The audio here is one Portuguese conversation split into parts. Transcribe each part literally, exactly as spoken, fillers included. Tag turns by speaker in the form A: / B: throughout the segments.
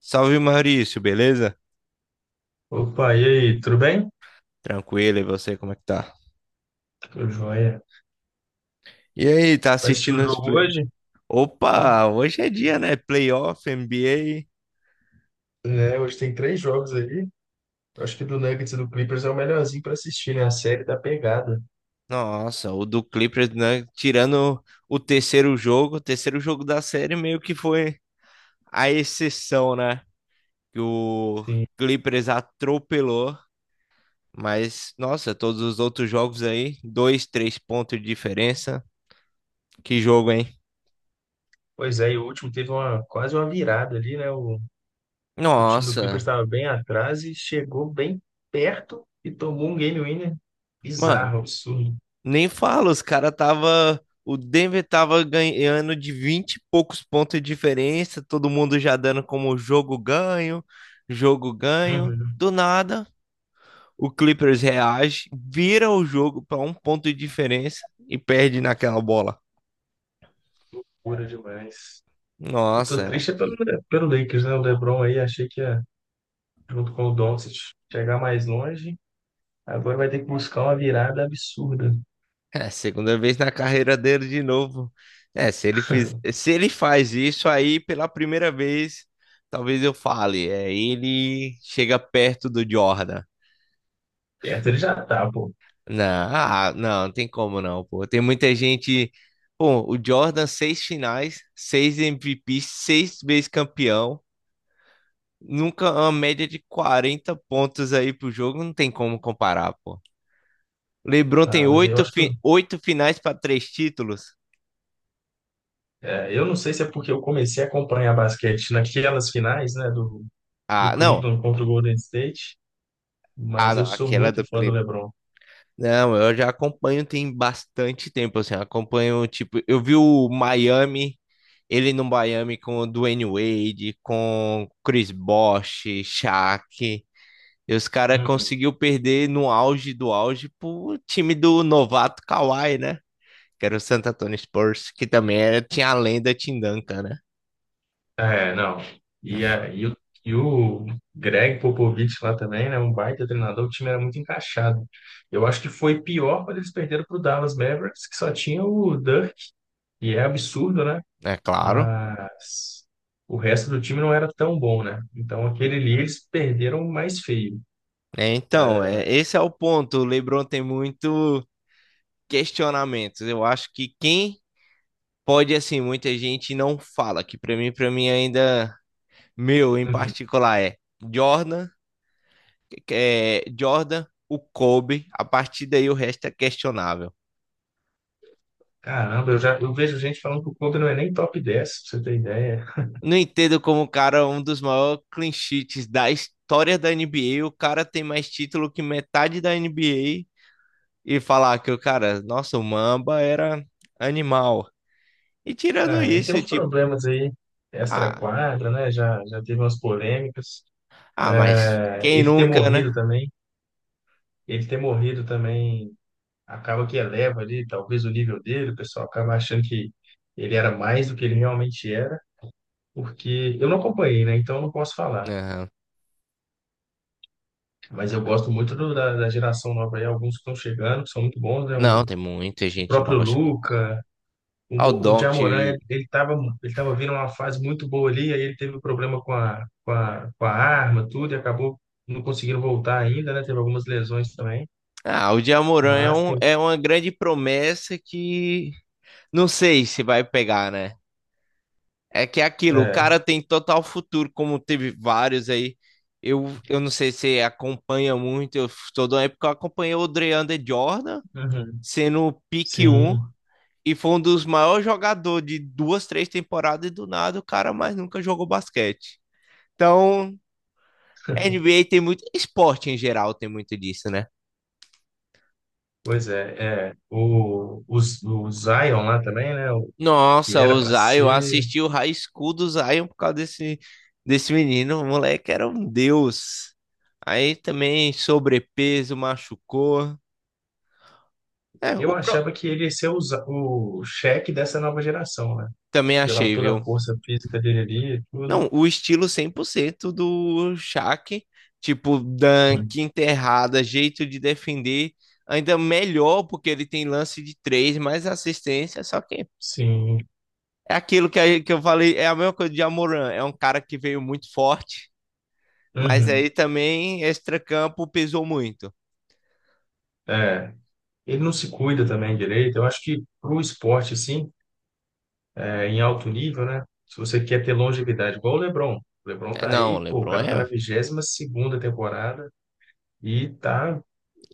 A: Salve Maurício, beleza?
B: Opa, e aí, tudo bem?
A: Tranquilo, e você, como é que tá?
B: Tudo jóia.
A: E aí, tá
B: Vai assistir o
A: assistindo os
B: jogo
A: play...
B: hoje? Hum.
A: Opa, hoje é dia, né? Playoff, N B A.
B: É, hoje tem três jogos aí. Acho que do Nuggets e do Clippers é o melhorzinho para assistir, né? A série da pegada.
A: Nossa, o do Clippers, né? Tirando o terceiro jogo, o terceiro jogo da série meio que foi a exceção, né? Que o
B: Sim.
A: Clippers atropelou, mas nossa, todos os outros jogos aí, dois, três pontos de diferença. Que jogo, hein?
B: Pois é, e o último teve uma, quase uma virada ali, né? O, o time do Clippers
A: Nossa,
B: estava bem atrás e chegou bem perto e tomou um game winner bizarro, absurdo.
A: nem falo, os caras tava. O Denver tava ganhando de vinte e poucos pontos de diferença, todo mundo já dando como jogo ganho, jogo ganho.
B: Uhum.
A: Do nada, o Clippers reage, vira o jogo para um ponto de diferença e perde naquela bola.
B: Loucura demais. Eu
A: Nossa,
B: tô
A: é.
B: triste é pelo, pelo Lakers, né? O LeBron aí, achei que ia, junto com o Doncic, chegar mais longe. Agora vai ter que buscar uma virada absurda.
A: É, segunda vez na carreira dele de novo. É, se ele fiz, se ele faz isso aí pela primeira vez, talvez eu fale, é, ele chega perto do Jordan.
B: Perto ele já tá, pô.
A: Não, ah, não, não tem como não, pô. Tem muita gente. Pô, o Jordan, seis finais, seis M V P, seis vezes campeão. Nunca uma média de quarenta pontos aí pro jogo, não tem como comparar, pô. LeBron tem
B: Ah, mas aí eu
A: oito,
B: acho que. Eu
A: fi- oito finais para três títulos.
B: é, eu não sei se é porque eu comecei a acompanhar basquete naquelas finais, né, do, do
A: Ah, não.
B: Cleveland contra o Golden State,
A: Ah,
B: mas eu
A: não,
B: sou
A: aquela
B: muito
A: do
B: fã do LeBron.
A: Não, eu já acompanho tem bastante tempo, assim, acompanho, tipo, eu vi o Miami, ele no Miami com o Dwayne Wade, com Chris Bosh, Shaq, e os caras
B: Uhum.
A: conseguiu perder no auge do auge pro time do novato Kawhi, né? Que era o Santo Antonio Spurs, que também era, tinha a lenda Tim Duncan, né?
B: É, não. E, a- e, o, e o Greg Popovich lá também, né? Um baita treinador, o time era muito encaixado. Eu acho que foi pior quando eles perderam para o Dallas Mavericks, que só tinha o Dirk, e é absurdo, né?
A: É claro.
B: Mas o resto do time não era tão bom, né? Então aquele ali eles perderam mais feio.
A: É, então, é, esse é o ponto, o LeBron tem muito questionamentos, eu acho que quem pode, assim, muita gente não fala, que pra mim, para mim ainda, meu, em
B: Uhum.
A: particular, é Jordan, é, Jordan, o Kobe, a partir daí o resto é questionável.
B: Caramba, eu já eu vejo gente falando que o Kobe não é nem top dez, pra você ter ideia.
A: Não entendo como o cara, é um dos maiores clean sheets da história da N B A, o cara tem mais título que metade da N B A e falar que o cara, nossa, o Mamba era animal. E tirando
B: Ah, ele tem
A: isso,
B: uns
A: tipo,
B: problemas aí,
A: ah,
B: extra-quadra, né? Já, já teve umas polêmicas.
A: ah, mas
B: É,
A: quem
B: ele ter
A: nunca, né?
B: morrido também, ele ter morrido também acaba que eleva ali, talvez o nível dele, o pessoal acaba achando que ele era mais do que ele realmente era, porque eu não acompanhei, né? Então eu não posso falar.
A: Aham.
B: Mas eu gosto muito do- da, da geração nova aí, alguns que estão chegando, que são muito bons, né?
A: Não,
B: O
A: tem muita gente
B: próprio
A: nova chegando.
B: Luca, o,
A: Ah, o
B: Mo- o Jamoran, ele
A: Doncic.
B: ele tava, ele tava vindo uma fase muito boa ali, aí ele teve um problema com a, com a, com a arma, tudo, e acabou não conseguindo voltar ainda, né? Teve algumas lesões também.
A: Ah, o Jamoran é,
B: Mas
A: um,
B: tem.
A: é uma grande promessa que não sei se vai pegar, né? É que é aquilo, o
B: É,
A: cara tem total futuro, como teve vários aí. Eu, eu não sei se acompanha muito, eu toda uma época eu acompanhei o DeAndre Jordan
B: uhum.
A: sendo o pique um
B: Sim,
A: e foi um dos maiores jogadores de duas, três temporadas e do nada o cara mais nunca jogou basquete. Então, N B A tem muito, esporte em geral tem muito disso, né?
B: pois é. É. O, os- o Zion lá também, né? O, que
A: Nossa,
B: era
A: o
B: para
A: Zion, eu
B: ser.
A: assisti o High School do Zion por causa desse, desse menino. O moleque era um deus. Aí também sobrepeso, machucou. É, o
B: Eu
A: pro...
B: achava que ele ia ser o, Za- o cheque dessa nova geração, né?
A: também
B: Pela
A: achei,
B: toda
A: viu?
B: a força física dele ali, e tudo.
A: Não, o estilo cem por cento do Shaq, tipo,
B: Sim,
A: dunk, enterrada, jeito de defender, ainda melhor porque ele tem lance de três, mais assistência, só que
B: sim.
A: é aquilo que, a- que eu falei, é a mesma coisa de Amoran, é um cara que veio muito forte. Mas aí
B: Uhum.
A: também extracampo pesou muito.
B: É. Ele não se cuida também direito. Eu acho que pro esporte, assim, é, em alto nível, né? Se você quer ter longevidade, igual o LeBron. O LeBron
A: É,
B: tá
A: não, o
B: aí, pô, o
A: LeBron
B: cara tá na
A: é
B: vigésima segunda temporada e tá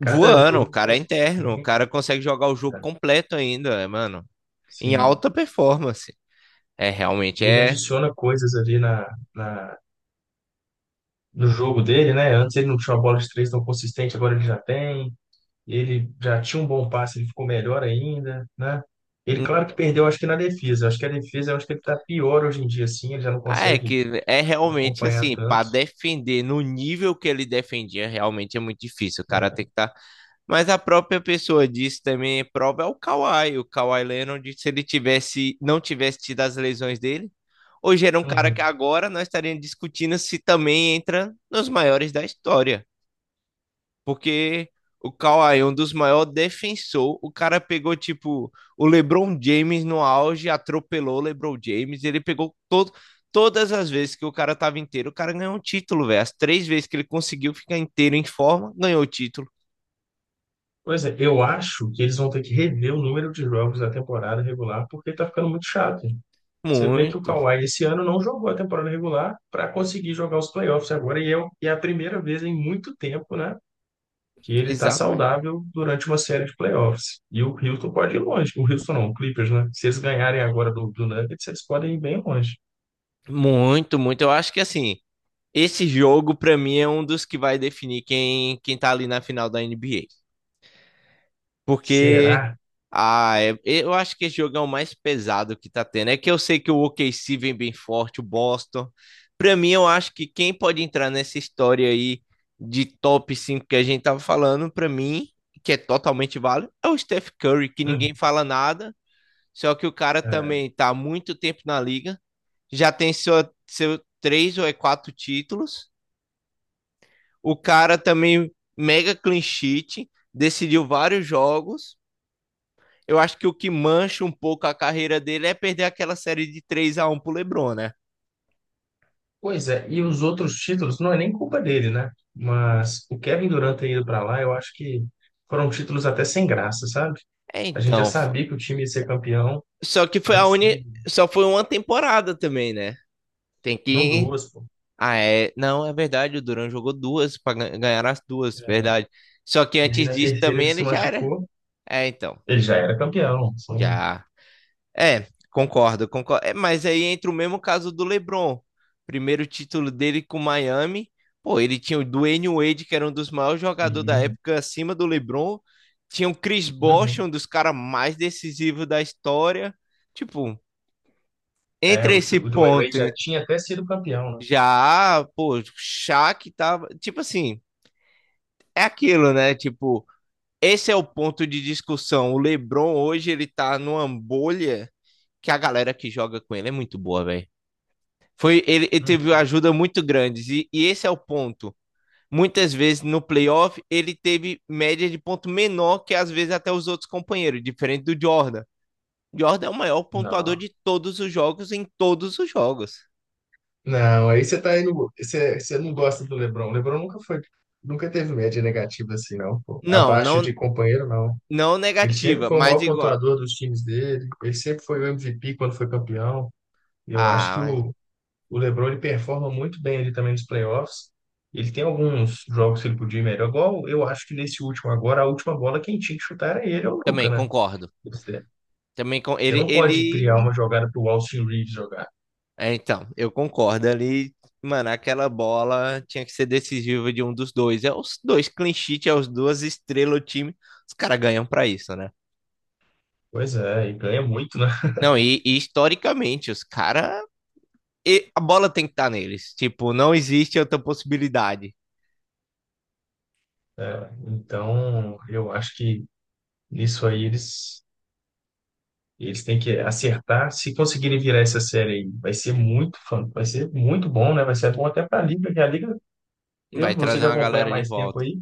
B: cada
A: voando, o
B: jogo
A: cara é
B: passando.
A: interno, o cara consegue jogar o jogo completo ainda, é, mano, em
B: Sim.
A: alta performance. É realmente
B: E ele
A: é
B: adiciona coisas ali na, na, no jogo dele, né? Antes ele não tinha uma bola de três tão consistente, agora ele já tem. Ele já tinha um bom passe, ele ficou melhor ainda, né? Ele,
A: um-
B: claro que perdeu, acho que na defesa. Acho que a defesa, eu acho que ele tá pior hoje em dia, assim, ele já não
A: ah, é
B: consegue
A: que é realmente
B: acompanhar
A: assim,
B: tanto.
A: para defender no nível que ele defendia, realmente é muito difícil. O cara tem
B: Né?
A: que estar. Mas a própria pessoa disse também, prova é o Kawhi. O Kawhi Leonard, se ele tivesse, não tivesse tido as lesões dele, hoje era um cara que
B: Uhum.
A: agora nós estaríamos discutindo se também entra nos maiores da história. Porque o Kawhi é um dos maiores defensores. O cara pegou, tipo, o LeBron James no auge, atropelou o LeBron James. Ele pegou todo, todas as vezes que o cara tava inteiro, o cara ganhou um título, velho. As três vezes que ele conseguiu ficar inteiro em forma, ganhou o título.
B: Pois é, eu acho que eles vão ter que rever o número de jogos da temporada regular, porque tá ficando muito chato. Você vê que o
A: Muito,
B: Kawhi esse ano não jogou a temporada regular para conseguir jogar os playoffs agora, e é, o- e é a primeira vez em muito tempo, né? Que ele está
A: exatamente.
B: saudável durante uma série de playoffs. E o Houston pode ir longe. O Houston não, o Clippers, né? Se eles ganharem agora do, do Nuggets, eles podem ir bem longe.
A: Muito, muito. Eu acho que assim, esse jogo pra mim é um dos que vai definir quem quem tá ali na final da N B A. Porque
B: Será?
A: ah, é- eu acho que esse jogo é o mais pesado que tá tendo. É que eu sei que o OKC vem bem forte, o Boston. Pra mim, eu acho que quem pode entrar nessa história aí de top cinco que a gente tava falando, pra mim, que é totalmente válido, é o Steph Curry, que
B: Hum.
A: ninguém fala nada, só que o cara
B: É.
A: também tá há muito tempo na liga, já tem seu, seu três ou é quatro títulos. O cara também mega clean sheet, decidiu vários jogos. Eu acho que o que mancha um pouco a carreira dele é perder aquela série de três a um pro LeBron, né?
B: Pois é, e os outros títulos não é nem culpa dele, né? Mas o Kevin Durant ter ido para lá, eu acho que foram títulos até sem graça, sabe?
A: É,
B: A gente já
A: então,
B: sabia que o time ia ser campeão
A: só que foi a
B: antes
A: uni,
B: de.
A: só foi uma temporada também, né? Tem
B: Não
A: que
B: duas, pô.
A: ah, é, não, é verdade, o Duran jogou duas para ganhar as duas,
B: É,
A: verdade. Só que
B: e aí
A: antes
B: na
A: disso
B: terceira ele
A: também
B: se
A: ele já era.
B: machucou.
A: É, então,
B: Ele já era campeão. Sim.
A: já. É, concordo, concordo. É, mas aí entra o mesmo caso do LeBron. Primeiro título dele com Miami. Pô, ele tinha o Dwayne Wade, que era um dos maiores jogadores da
B: Sim.
A: época, acima do LeBron. Tinha o Chris Bosh,
B: Uhum.
A: um dos caras mais decisivos da história. Tipo,
B: É,
A: entre
B: o,
A: esse
B: o Dwayne Wade
A: ponto,
B: já
A: hein,
B: tinha até sido campeão, né?
A: já, pô, o Shaq tava. Tipo assim, é aquilo, né? Tipo, esse é o ponto de discussão. O LeBron hoje ele tá numa bolha que a galera que joga com ele é muito boa, velho. Foi, ele, ele teve uma
B: Uhum.
A: ajuda muito grande. E, e esse é o ponto. Muitas vezes no playoff, ele teve média de ponto menor que às vezes até os outros companheiros, diferente do Jordan. Jordan é o maior pontuador
B: Não.
A: de todos os jogos em todos os jogos.
B: Não, aí você tá indo. Você, você não gosta do LeBron. O LeBron nunca foi. Nunca teve média negativa assim, não, pô.
A: Não,
B: Abaixo
A: não,
B: de companheiro, não.
A: não
B: Ele sempre
A: negativa,
B: foi o
A: mas
B: maior
A: igual.
B: pontuador dos times dele. Ele sempre foi o M V P quando foi campeão. E eu acho
A: Ah,
B: que
A: mas
B: o, o LeBron ele performa muito bem ali também nos playoffs. Ele tem alguns jogos que ele podia ir melhor. Igual eu acho que nesse último agora, a última bola quem tinha que chutar era ele, é o Luka,
A: também
B: né?
A: concordo. Também com
B: Você
A: ele,
B: não pode criar
A: ele
B: uma jogada para o Austin Reeves jogar.
A: É, então, eu concordo ali. Mano, aquela bola tinha que ser decisiva de um dos dois. É os dois clean sheet, é os duas estrelas do time. Os caras ganham pra isso, né?
B: Pois é, e ganha muito, né?
A: Não, e, e historicamente, os caras. A bola tem que estar neles. Tipo, não existe outra possibilidade.
B: É, então, eu acho que nisso aí eles, eles têm que acertar. Se conseguirem virar essa série aí, vai ser muito fã, vai ser muito bom, né? Vai ser bom até para a Liga, que a Liga, eu,
A: Vai
B: você
A: trazer
B: que
A: uma
B: acompanha há
A: galera de
B: mais tempo
A: volta.
B: aí,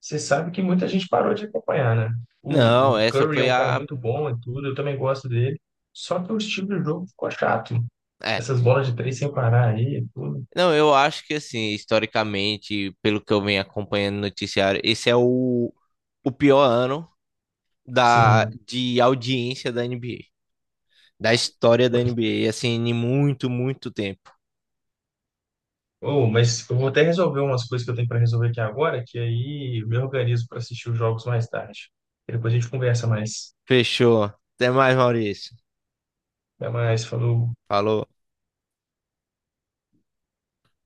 B: você sabe que muita gente parou de acompanhar, né? O,
A: Não,
B: o
A: essa
B: Curry é
A: foi
B: um cara
A: a.
B: muito bom e tudo, eu também gosto dele. Só que o estilo de jogo ficou chato.
A: É.
B: Essas bolas de três sem parar aí, tudo.
A: Não, eu acho que, assim, historicamente, pelo que eu venho acompanhando no noticiário, esse é o, o pior ano da,
B: Sim.
A: de audiência da N B A, da história da N B A, assim, em muito, muito tempo.
B: Oh, mas eu vou até resolver umas coisas que eu tenho para resolver aqui agora, que aí eu me organizo para assistir os jogos mais tarde. E depois a gente conversa mais.
A: Fechou. Até mais, Maurício.
B: Até mais, falou.
A: Falou.